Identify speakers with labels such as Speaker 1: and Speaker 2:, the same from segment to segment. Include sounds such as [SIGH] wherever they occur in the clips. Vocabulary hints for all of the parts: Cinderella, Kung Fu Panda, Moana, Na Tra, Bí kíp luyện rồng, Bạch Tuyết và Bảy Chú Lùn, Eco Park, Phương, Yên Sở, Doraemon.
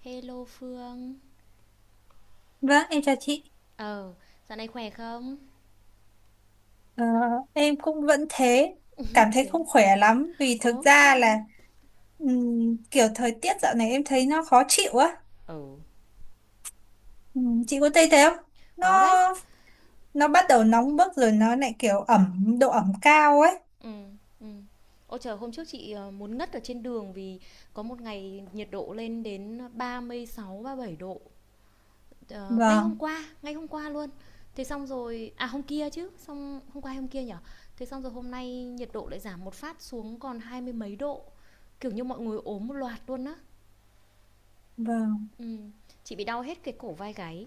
Speaker 1: Hello Phương.
Speaker 2: Vâng, em chào chị.
Speaker 1: Ờ, Dạo này khỏe không?
Speaker 2: Ờ, em cũng vẫn thế, cảm thấy
Speaker 1: Thế à?
Speaker 2: không khỏe lắm vì thực
Speaker 1: Ồ thế
Speaker 2: ra
Speaker 1: hả?
Speaker 2: là kiểu thời tiết dạo này em thấy nó khó chịu á.
Speaker 1: Ừ.
Speaker 2: Chị có thấy thế không? Nó
Speaker 1: Có đấy.
Speaker 2: nó bắt đầu nóng bức rồi nó lại kiểu ẩm độ ẩm cao ấy.
Speaker 1: Ừ, ừ. Ôi trời, hôm trước chị muốn ngất ở trên đường vì có một ngày nhiệt độ lên đến 36, bảy độ. Ờ,
Speaker 2: Vâng,
Speaker 1: ngay hôm qua luôn. Thế xong rồi, à hôm kia chứ, xong hôm qua hay hôm kia nhở? Thế xong rồi hôm nay nhiệt độ lại giảm một phát xuống còn hai mươi mấy độ. Kiểu như mọi người ốm một loạt luôn á.
Speaker 2: vâng.
Speaker 1: Ừ. Chị bị đau hết cái cổ vai gáy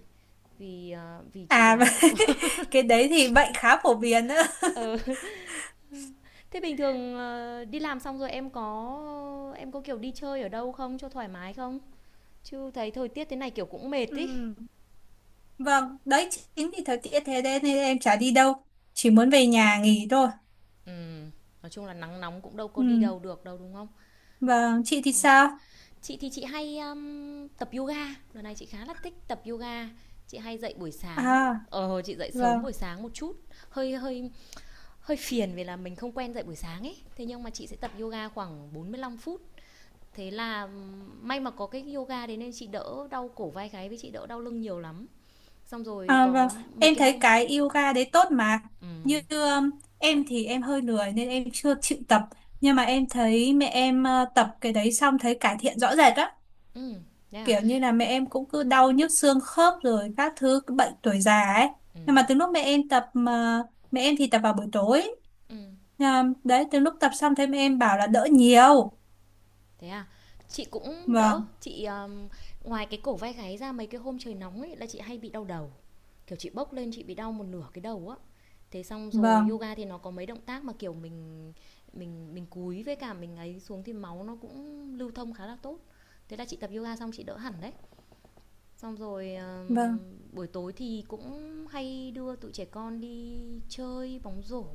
Speaker 1: vì chị
Speaker 2: À [LAUGHS] và
Speaker 1: đoán là.
Speaker 2: cái đấy thì bệnh khá phổ biến nữa.
Speaker 1: Ừ. [LAUGHS] Thế bình thường, đi làm xong rồi em có, kiểu, đi chơi ở đâu không cho thoải mái không? Chứ thấy thời tiết thế này, kiểu, cũng mệt ấy.
Speaker 2: Ừm, Vâng, đấy chính vì thời tiết thế đấy nên em chả đi đâu, chỉ muốn về nhà nghỉ thôi.
Speaker 1: Ừm, nói chung là nắng nóng cũng đâu có đi
Speaker 2: Ừm,
Speaker 1: đâu được đâu, đúng không?
Speaker 2: Vâng, chị thì
Speaker 1: Ờ.
Speaker 2: sao?
Speaker 1: Chị thì chị hay, tập yoga, lần này chị khá là thích tập yoga. Chị hay dậy buổi sáng,
Speaker 2: À,
Speaker 1: chị dậy sớm
Speaker 2: vâng.
Speaker 1: buổi sáng một chút, hơi hơi hơi phiền vì là mình không quen dậy buổi sáng ấy. Thế nhưng mà chị sẽ tập yoga khoảng 45 phút, thế là may mà có cái yoga đấy nên chị đỡ đau cổ vai gáy với chị đỡ đau lưng nhiều lắm, xong rồi
Speaker 2: À, vâng,
Speaker 1: có mấy
Speaker 2: em
Speaker 1: cái
Speaker 2: thấy
Speaker 1: hôm.
Speaker 2: cái yoga đấy tốt mà.
Speaker 1: Ừ,
Speaker 2: Như em thì em hơi lười nên em chưa chịu tập. Nhưng mà em thấy mẹ em tập cái đấy xong thấy cải thiện rõ rệt á.
Speaker 1: ừ. Thế à?
Speaker 2: Kiểu như là mẹ em cũng cứ đau nhức xương khớp rồi các thứ cái bệnh tuổi già ấy.
Speaker 1: Ừ,
Speaker 2: Nhưng mà từ lúc mẹ em tập mà mẹ em thì tập vào buổi tối.
Speaker 1: ừ.
Speaker 2: À, đấy, từ lúc tập xong thấy mẹ em bảo là đỡ nhiều.
Speaker 1: Thế à? chị cũng đỡ
Speaker 2: Vâng,
Speaker 1: chị um, Ngoài cái cổ vai gáy ra, mấy cái hôm trời nóng ấy là chị hay bị đau đầu, kiểu chị bốc lên chị bị đau một nửa cái đầu á. Thế xong rồi
Speaker 2: vâng,
Speaker 1: yoga thì nó có mấy động tác mà kiểu mình cúi với cả mình ấy xuống thì máu nó cũng lưu thông khá là tốt. Thế là chị tập yoga xong chị đỡ hẳn đấy. Xong rồi,
Speaker 2: vâng,
Speaker 1: buổi tối thì cũng hay đưa tụi trẻ con đi chơi bóng rổ,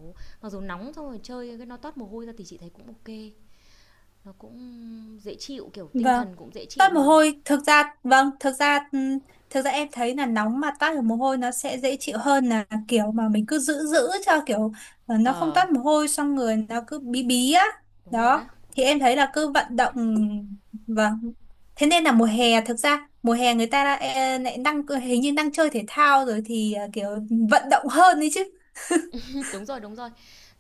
Speaker 1: mặc dù nóng xong rồi chơi cái nó toát mồ hôi ra thì chị thấy cũng OK. Nó cũng dễ chịu, kiểu, tinh
Speaker 2: vâng.
Speaker 1: thần cũng dễ chịu
Speaker 2: Toát mồ
Speaker 1: mà.
Speaker 2: hôi, thực ra, vâng, thực ra em thấy là nóng mà toát được mồ hôi nó sẽ dễ chịu hơn là kiểu mà mình cứ giữ giữ cho kiểu nó không
Speaker 1: ờ,
Speaker 2: toát mồ hôi xong người nó cứ bí bí á.
Speaker 1: đúng rồi
Speaker 2: Đó
Speaker 1: đó.
Speaker 2: thì em thấy là cứ vận động, vâng, thế nên là mùa hè, thực ra mùa hè người ta đã, lại đang hình như đang chơi thể thao rồi thì kiểu vận động hơn đấy chứ.
Speaker 1: [LAUGHS] Đúng rồi, đúng rồi.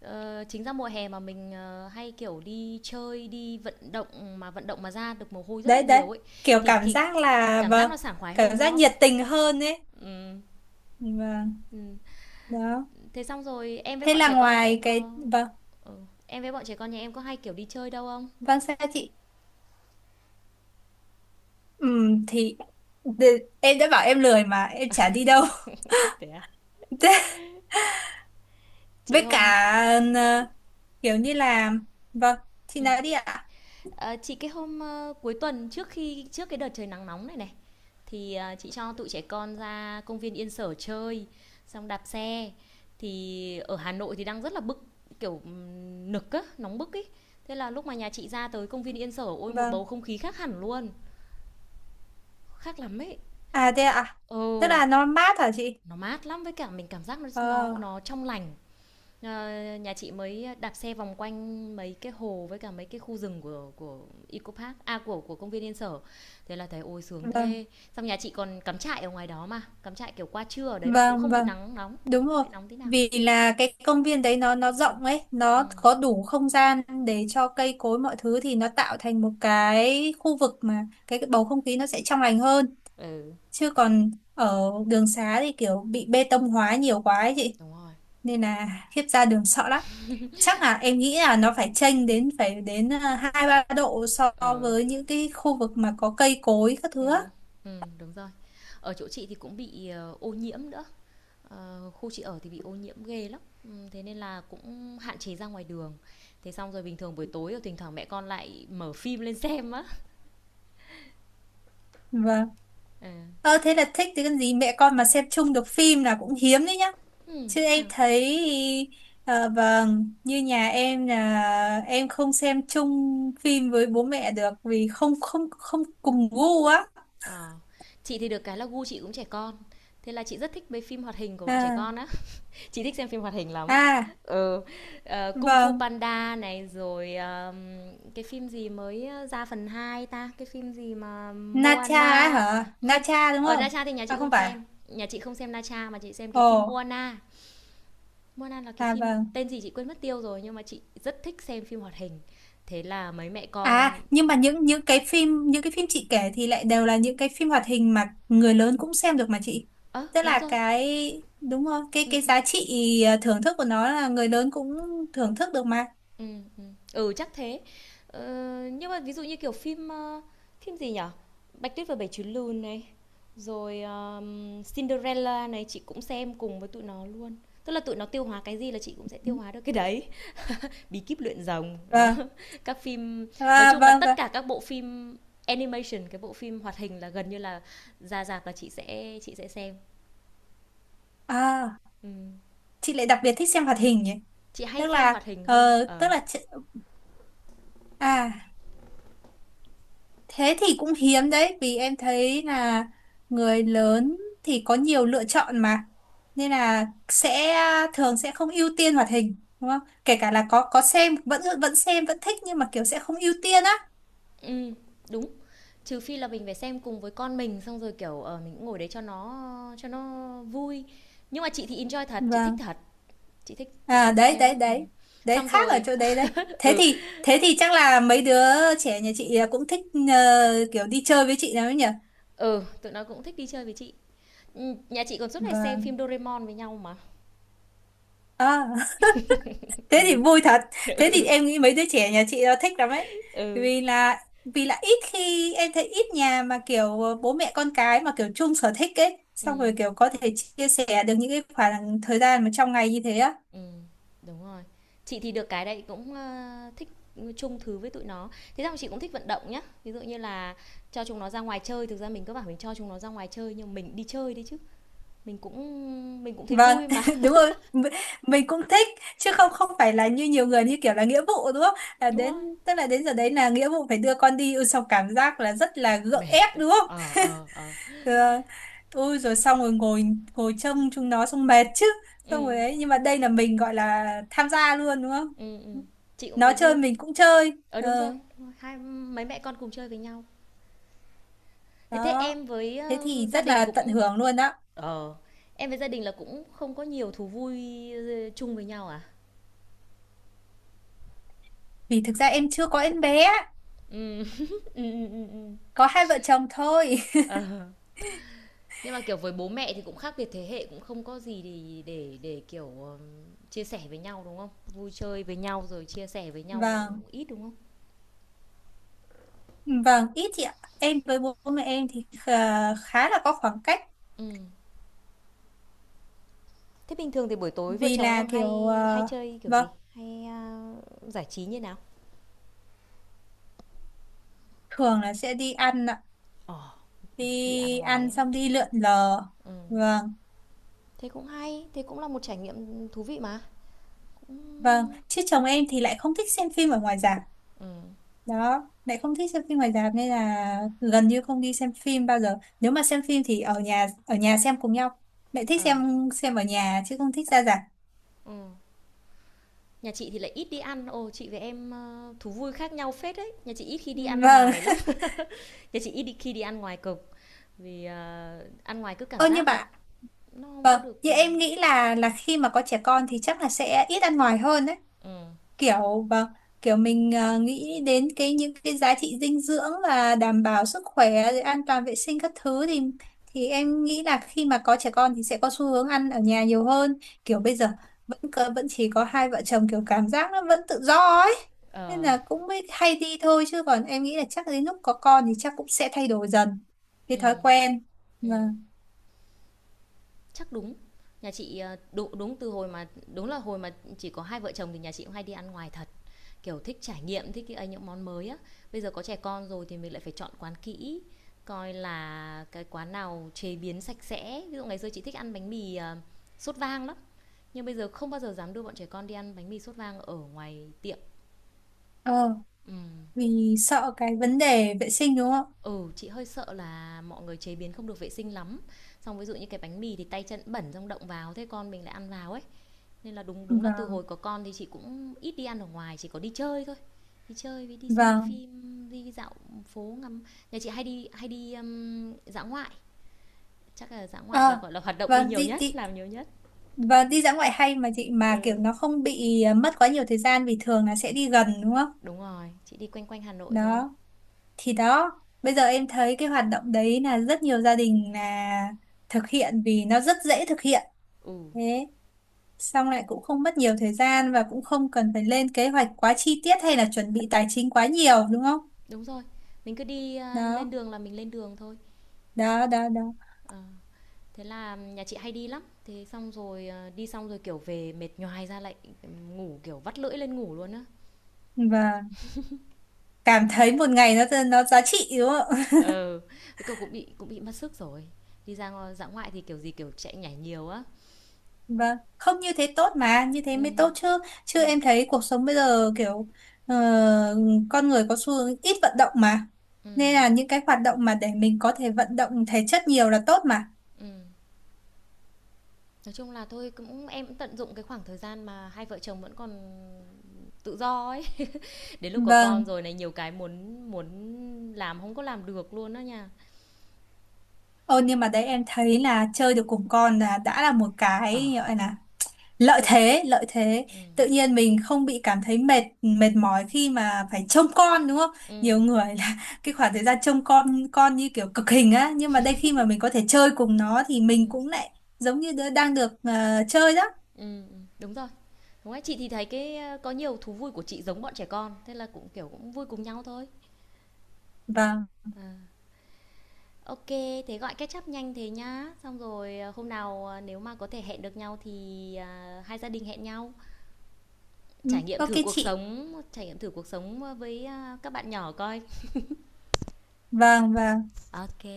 Speaker 1: Chính ra mùa hè mà mình, hay, kiểu, đi chơi, đi vận động mà ra được mồ hôi rất là
Speaker 2: Đấy đấy,
Speaker 1: nhiều ấy,
Speaker 2: kiểu
Speaker 1: thì
Speaker 2: cảm
Speaker 1: thì
Speaker 2: giác là,
Speaker 1: cảm giác
Speaker 2: vâng,
Speaker 1: nó sảng khoái hơn,
Speaker 2: cảm
Speaker 1: đúng
Speaker 2: giác
Speaker 1: không?
Speaker 2: nhiệt tình hơn ấy.
Speaker 1: Ừm,
Speaker 2: Vâng,
Speaker 1: ừm.
Speaker 2: đó,
Speaker 1: Thế xong rồi em với
Speaker 2: thế
Speaker 1: bọn
Speaker 2: là
Speaker 1: trẻ con nhà
Speaker 2: ngoài
Speaker 1: em
Speaker 2: cái,
Speaker 1: có.
Speaker 2: vâng.
Speaker 1: Ừ. Em với bọn trẻ con nhà em có hay, kiểu, đi chơi đâu không?
Speaker 2: Vâng, sao chị? Thì em đã bảo em lười mà em chả đi đâu.
Speaker 1: Thế à?
Speaker 2: [LAUGHS] Thế,
Speaker 1: Chị
Speaker 2: với cả,
Speaker 1: hôm
Speaker 2: ờ, kiểu như là, vâng, chị
Speaker 1: ừm,
Speaker 2: nói đi ạ.
Speaker 1: ờ, chị cái hôm, ơ, Cuối tuần trước khi trước cái đợt trời nắng nóng này này, thì, chị cho tụi trẻ con ra công viên Yên Sở chơi, xong đạp xe. Thì ở Hà Nội thì đang rất là bức, kiểu, nực á, nóng bức ý. Thế là lúc mà nhà chị ra tới công viên Yên Sở, ôi, một bầu
Speaker 2: Vâng.
Speaker 1: không khí khác hẳn luôn, khác lắm ấy.
Speaker 2: À, thế ạ. Tức
Speaker 1: Ừ,
Speaker 2: là nó mát hả chị?
Speaker 1: nó mát lắm, với cả mình cảm giác nó nó
Speaker 2: Ờ,
Speaker 1: nó trong lành. Ờ, Nhà chị mới đạp xe vòng quanh mấy cái hồ với cả mấy cái khu rừng của Eco Park, à, của công viên Yên Sở. Thế là thấy ôi sướng
Speaker 2: vâng,
Speaker 1: thế. Xong nhà chị còn cắm trại ở ngoài đó mà, cắm trại kiểu qua trưa ở đấy mà cũng
Speaker 2: vâng,
Speaker 1: không bị
Speaker 2: vâng,
Speaker 1: nắng nóng,
Speaker 2: đúng
Speaker 1: không
Speaker 2: rồi.
Speaker 1: bị nóng tí nào.
Speaker 2: Vì là cái công viên đấy nó rộng ấy,
Speaker 1: Ừ.
Speaker 2: nó có đủ không gian để cho cây cối mọi thứ thì nó tạo thành một cái khu vực mà cái bầu không khí nó sẽ trong lành hơn.
Speaker 1: Ừ,
Speaker 2: Chứ còn ở đường xá thì kiểu bị bê tông hóa nhiều quá ấy chị,
Speaker 1: đúng rồi.
Speaker 2: nên là khiếp ra đường sợ lắm. Chắc là em nghĩ là nó phải chênh đến, phải đến hai ba độ so
Speaker 1: Ừ.
Speaker 2: với những cái khu vực mà có cây cối các
Speaker 1: Ừ.
Speaker 2: thứ á.
Speaker 1: Ừ, đúng rồi. Ở chỗ chị thì cũng bị ô nhiễm nữa. Khu chị ở thì bị ô nhiễm ghê lắm. Ừ, thế nên là cũng hạn chế ra ngoài đường. Thế xong rồi bình thường buổi tối thì thỉnh thoảng mẹ con lại mở phim lên xem á.
Speaker 2: Vâng.
Speaker 1: Ừ.
Speaker 2: Ờ, thế là thích thì cần gì, mẹ con mà xem chung được phim là cũng hiếm đấy nhá. Chứ
Speaker 1: Thế
Speaker 2: em
Speaker 1: hả?
Speaker 2: thấy vâng, như nhà em là em không xem chung phim với bố mẹ được vì không không không cùng gu á.
Speaker 1: Ờ. Chị thì được cái là gu chị cũng trẻ con, thế là chị rất thích mấy phim hoạt hình của bọn trẻ
Speaker 2: À,
Speaker 1: con á. [LAUGHS] Chị thích xem phim hoạt hình lắm.
Speaker 2: à,
Speaker 1: Ừ, Kung Fu
Speaker 2: vâng.
Speaker 1: Panda này, rồi, cái phim gì mới, ra phần 2 ta? Cái phim gì mà
Speaker 2: Nacha á
Speaker 1: Moana
Speaker 2: hả?
Speaker 1: không,
Speaker 2: Nacha đúng
Speaker 1: ở Na
Speaker 2: không?
Speaker 1: Tra thì nhà
Speaker 2: À
Speaker 1: chị không
Speaker 2: không phải à?
Speaker 1: xem, nhà chị không xem Na Tra mà chị xem cái
Speaker 2: Ồ.
Speaker 1: phim Moana. Moana là cái
Speaker 2: À,
Speaker 1: phim
Speaker 2: vâng.
Speaker 1: tên gì chị quên mất tiêu rồi, nhưng mà chị rất thích xem phim hoạt hình. Thế là mấy mẹ con.
Speaker 2: À, nhưng mà những cái phim chị kể thì lại đều là những cái phim hoạt hình mà người lớn cũng xem được mà chị. Tức
Speaker 1: Đúng
Speaker 2: là
Speaker 1: rồi,
Speaker 2: cái, đúng không? Cái cái
Speaker 1: ừm.
Speaker 2: giá trị thưởng thức của nó là người lớn cũng thưởng thức được mà.
Speaker 1: Ừ, chắc thế. Ờ, nhưng mà ví dụ như kiểu phim, phim gì nhở, Bạch Tuyết và Bảy Chú Lùn này, rồi, Cinderella này chị cũng xem cùng với tụi nó luôn. Tức là tụi nó tiêu hóa cái gì là chị cũng sẽ tiêu hóa được cái đấy. Bí kíp luyện rồng, đó.
Speaker 2: Vâng.
Speaker 1: [LAUGHS] Các phim nói
Speaker 2: À,
Speaker 1: chung là
Speaker 2: vâng,
Speaker 1: tất
Speaker 2: vâng.
Speaker 1: cả các bộ phim animation, cái bộ phim hoạt hình là gần như là ra rạp là chị sẽ xem.
Speaker 2: À,
Speaker 1: Ừm,
Speaker 2: chị lại đặc biệt thích xem hoạt hình nhỉ?
Speaker 1: chị hay
Speaker 2: Tức
Speaker 1: xem hoạt
Speaker 2: là,
Speaker 1: hình hơn.
Speaker 2: tức
Speaker 1: Ờ.
Speaker 2: là chị, à. Thế thì cũng hiếm đấy vì em thấy là người lớn thì có nhiều lựa chọn mà, nên là sẽ thường sẽ không ưu tiên hoạt hình đúng không? Kể cả là có xem vẫn vẫn xem vẫn thích nhưng mà kiểu sẽ không ưu tiên á.
Speaker 1: Ừm, đúng. Trừ phi là mình phải xem cùng với con mình, xong rồi, kiểu, mình cũng ngồi đấy cho nó vui. Nhưng mà chị thì enjoy thật, chị thích
Speaker 2: Vâng.
Speaker 1: thật, chị thích chị
Speaker 2: À,
Speaker 1: thích
Speaker 2: đấy
Speaker 1: xem
Speaker 2: đấy
Speaker 1: lắm.
Speaker 2: đấy. Đấy
Speaker 1: Xong
Speaker 2: khác ở
Speaker 1: rồi
Speaker 2: chỗ đấy đấy. Thế
Speaker 1: ừ,
Speaker 2: thì thế thì chắc là mấy đứa trẻ nhà chị à, cũng thích kiểu đi chơi với chị nào ấy nhỉ?
Speaker 1: ừ, tụi nó cũng thích đi chơi với chị. Nhà chị còn suốt ngày xem
Speaker 2: Vâng.
Speaker 1: phim Doraemon với nhau mà.
Speaker 2: À. Thế thì vui thật, thế thì
Speaker 1: [LAUGHS]
Speaker 2: em nghĩ mấy đứa trẻ nhà chị nó thích lắm ấy,
Speaker 1: Ừ,
Speaker 2: vì là vì là ít khi em thấy ít nhà mà kiểu bố mẹ con cái mà kiểu chung sở thích ấy, xong
Speaker 1: ừm,
Speaker 2: rồi kiểu có thể chia sẻ được những cái khoảng thời gian mà trong ngày như thế á.
Speaker 1: ừm, đúng rồi. Chị thì được cái đấy cũng, thích chung thứ với tụi nó. Thế xong chị cũng thích vận động nhá. Ví dụ như là cho chúng nó ra ngoài chơi, thực ra mình cứ bảo mình cho chúng nó ra ngoài chơi nhưng mình đi chơi đấy chứ. Mình cũng thấy
Speaker 2: Vâng.
Speaker 1: vui mà.
Speaker 2: [LAUGHS] Đúng
Speaker 1: [LAUGHS]
Speaker 2: rồi. Mình cũng thích, chứ không không phải là như nhiều người như kiểu là nghĩa vụ đúng không? À,
Speaker 1: Đúng rồi.
Speaker 2: đến tức là đến giờ đấy là nghĩa vụ phải đưa con đi. Ôi, xong cảm giác là rất là gượng ép
Speaker 1: Mệt.
Speaker 2: đúng không? Thế là, rồi xong rồi ngồi ngồi trông chúng nó xong mệt chứ.
Speaker 1: Ừ,
Speaker 2: Xong rồi đấy nhưng mà đây là mình gọi là tham gia luôn đúng không?
Speaker 1: ừ, ừ. Chị cũng
Speaker 2: Nó
Speaker 1: thấy
Speaker 2: chơi
Speaker 1: vui.
Speaker 2: mình cũng chơi.
Speaker 1: Đúng rồi,
Speaker 2: Ờ,
Speaker 1: đúng rồi. Hai mấy mẹ con cùng chơi với nhau. Thế thế
Speaker 2: đó.
Speaker 1: em với
Speaker 2: Thế thì
Speaker 1: gia
Speaker 2: rất
Speaker 1: đình
Speaker 2: là tận
Speaker 1: cũng.
Speaker 2: hưởng luôn đó.
Speaker 1: ờ em với gia đình là cũng không có nhiều thú vui chung với nhau à.
Speaker 2: Vì thực ra em chưa có em bé,
Speaker 1: Ừ. [LAUGHS] Ừ, ừ, ừ, ừ.
Speaker 2: có hai vợ chồng thôi.
Speaker 1: ờ nhưng mà kiểu với bố mẹ thì cũng khác biệt thế hệ cũng không có gì để kiểu chia sẻ với nhau đúng không, vui chơi với nhau rồi chia sẻ với
Speaker 2: [LAUGHS]
Speaker 1: nhau cũng
Speaker 2: Vâng,
Speaker 1: ít đúng không.
Speaker 2: vâng, ít chị ạ, em với bố mẹ em thì khá là có khoảng cách.
Speaker 1: Ừ. Thế bình thường thì buổi tối vợ
Speaker 2: Vì
Speaker 1: chồng
Speaker 2: là
Speaker 1: em hay
Speaker 2: kiểu
Speaker 1: hay chơi kiểu
Speaker 2: vâng,
Speaker 1: gì? Hay à, giải trí như nào?
Speaker 2: thường là sẽ đi ăn ạ,
Speaker 1: Ờ, oh. Đi ăn
Speaker 2: đi
Speaker 1: ngoài
Speaker 2: ăn xong
Speaker 1: á.
Speaker 2: đi lượn lờ.
Speaker 1: Ừ.
Speaker 2: Vâng.
Speaker 1: Thế cũng hay, thế cũng là một trải nghiệm thú vị mà. Ừ.
Speaker 2: Vâng, chứ chồng em thì lại không thích xem phim ở ngoài rạp.
Speaker 1: Ừ.
Speaker 2: Đó, lại không thích xem phim ngoài rạp nên là gần như không đi xem phim bao giờ. Nếu mà xem phim thì ở nhà, xem cùng nhau. Lại thích
Speaker 1: Ờ.
Speaker 2: xem ở nhà chứ không thích ra rạp.
Speaker 1: Ừ. Nhà chị thì lại ít đi ăn. Ồ, chị với em thú vui khác nhau phết đấy. Nhà chị ít khi đi ăn
Speaker 2: Vâng.
Speaker 1: ngoài lắm. [LAUGHS] Nhà chị ít đi khi đi ăn ngoài cực vì ăn ngoài cứ
Speaker 2: [LAUGHS]
Speaker 1: cảm
Speaker 2: Ơ như
Speaker 1: giác là
Speaker 2: bạn,
Speaker 1: nó không có
Speaker 2: vâng,
Speaker 1: được.
Speaker 2: như em nghĩ là khi mà có trẻ con thì chắc là sẽ ít ăn ngoài hơn đấy.
Speaker 1: Ừ.
Speaker 2: Kiểu, vâng, kiểu mình nghĩ đến cái những cái giá trị dinh dưỡng và đảm bảo sức khỏe rồi an toàn vệ sinh các thứ thì em nghĩ là khi mà có trẻ con thì sẽ có xu hướng ăn ở nhà nhiều hơn. Kiểu bây giờ vẫn vẫn chỉ có hai vợ chồng, kiểu cảm giác nó vẫn tự do ấy, nên
Speaker 1: Ờ.
Speaker 2: là cũng mới hay đi thôi chứ còn em nghĩ là chắc đến lúc có con thì chắc cũng sẽ thay đổi dần cái
Speaker 1: Ừ.
Speaker 2: thói quen.
Speaker 1: Ừ.
Speaker 2: Vâng.
Speaker 1: Chắc đúng. Nhà chị, ờ, đúng đúng từ hồi mà, đúng là hồi mà chỉ có hai vợ chồng thì nhà chị cũng hay đi ăn ngoài thật, kiểu, thích trải nghiệm, thích cái ấy những món mới á. Bây giờ có trẻ con rồi thì mình lại phải chọn quán kỹ, coi là cái quán nào chế biến sạch sẽ. Ví dụ ngày xưa chị thích ăn bánh mì, sốt vang lắm, nhưng bây giờ không bao giờ dám đưa bọn trẻ con đi ăn bánh mì sốt vang ở ngoài tiệm.
Speaker 2: Ờ,
Speaker 1: Ừm.
Speaker 2: vì sợ cái vấn đề vệ sinh đúng không?
Speaker 1: Ừ, chị hơi sợ là mọi người chế biến không được vệ sinh lắm. Xong ví dụ như cái bánh mì thì tay chân bẩn xong động vào, thế con mình lại ăn vào ấy. Nên là đúng đúng là từ
Speaker 2: Vâng,
Speaker 1: hồi có con thì chị cũng ít đi ăn ở ngoài, chỉ có đi chơi thôi, đi chơi với đi xem
Speaker 2: vâng.
Speaker 1: phim, đi dạo phố ngắm. Nhà chị hay đi dã ngoại, chắc là dã ngoại là
Speaker 2: Ờ,
Speaker 1: gọi là hoạt động đi
Speaker 2: vâng,
Speaker 1: nhiều
Speaker 2: đi,
Speaker 1: nhất,
Speaker 2: đi.
Speaker 1: làm nhiều nhất.
Speaker 2: Vâng, đi dã ngoại hay mà chị, mà kiểu
Speaker 1: Ừ,
Speaker 2: nó không bị à, mất quá nhiều thời gian vì thường là sẽ đi gần đúng không?
Speaker 1: đúng rồi, chị đi quanh quanh Hà Nội thôi.
Speaker 2: Đó, thì đó, bây giờ em thấy cái hoạt động đấy là rất nhiều gia đình là thực hiện vì nó rất dễ thực hiện.
Speaker 1: Ừ,
Speaker 2: Thế, xong lại cũng không mất nhiều thời gian và cũng không cần phải lên kế hoạch quá chi tiết hay là chuẩn bị tài chính quá nhiều đúng không?
Speaker 1: đúng rồi, mình cứ đi, lên
Speaker 2: Đó,
Speaker 1: đường là mình lên đường thôi.
Speaker 2: đó, đó, đó.
Speaker 1: Ờ, Thế là nhà chị hay đi lắm, thế xong rồi, đi xong rồi kiểu về mệt nhoài ra, lại ngủ kiểu vắt lưỡi lên ngủ luôn á.
Speaker 2: Và cảm thấy một ngày nó giá trị đúng không?
Speaker 1: Ừ, cái cậu cũng bị mất sức rồi. Đi ra dã ngoại thì kiểu gì kiểu chạy nhảy nhiều á.
Speaker 2: Vâng, không, như thế tốt mà, như thế mới
Speaker 1: Ừm,
Speaker 2: tốt chứ. Chứ em thấy cuộc sống bây giờ kiểu ờ, con người có xu hướng ít vận động mà.
Speaker 1: ừm,
Speaker 2: Nên là những cái hoạt động mà để mình có thể vận động thể chất nhiều là tốt mà.
Speaker 1: ừm. Nói chung là thôi cũng em cũng tận dụng cái khoảng thời gian mà hai vợ chồng vẫn còn tự do ấy. [LAUGHS] Đến lúc có con
Speaker 2: Vâng,
Speaker 1: rồi này nhiều cái muốn muốn làm không có làm được luôn đó nha.
Speaker 2: ô nhưng mà đấy em thấy là chơi được cùng con là đã là một
Speaker 1: Ờ,
Speaker 2: cái gọi là lợi
Speaker 1: Thôi,
Speaker 2: thế, lợi thế
Speaker 1: ừm,
Speaker 2: tự nhiên mình không bị cảm thấy mệt mệt mỏi khi mà phải trông con đúng không? Nhiều
Speaker 1: ừm,
Speaker 2: người là [LAUGHS] cái khoảng thời gian trông con như kiểu cực hình á, nhưng mà đây khi mà mình có thể chơi cùng nó thì mình
Speaker 1: ừm,
Speaker 2: cũng lại giống như đứa đang được chơi đó.
Speaker 1: đúng rồi. Đúng rồi, chị thì thấy cái, có nhiều thú vui của chị giống bọn trẻ con, thế là cũng kiểu cũng vui cùng nhau thôi.
Speaker 2: Vâng.
Speaker 1: À. OK, thế gọi catch up nhanh thế nhá. Xong rồi, hôm nào, nếu mà có thể hẹn được nhau thì, à, hai gia đình hẹn nhau,
Speaker 2: Ừ,
Speaker 1: trải nghiệm
Speaker 2: ok
Speaker 1: thử cuộc
Speaker 2: chị.
Speaker 1: sống trải nghiệm thử cuộc sống, ờ, với, các bạn nhỏ coi.
Speaker 2: Vâng, vâng,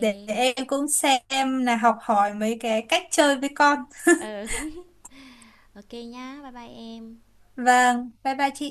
Speaker 2: để em cũng xem là học hỏi mấy cái cách chơi với con. [LAUGHS]
Speaker 1: Ừ, [LAUGHS] OK nhá. Bye bye em.
Speaker 2: Vâng, bye bye chị.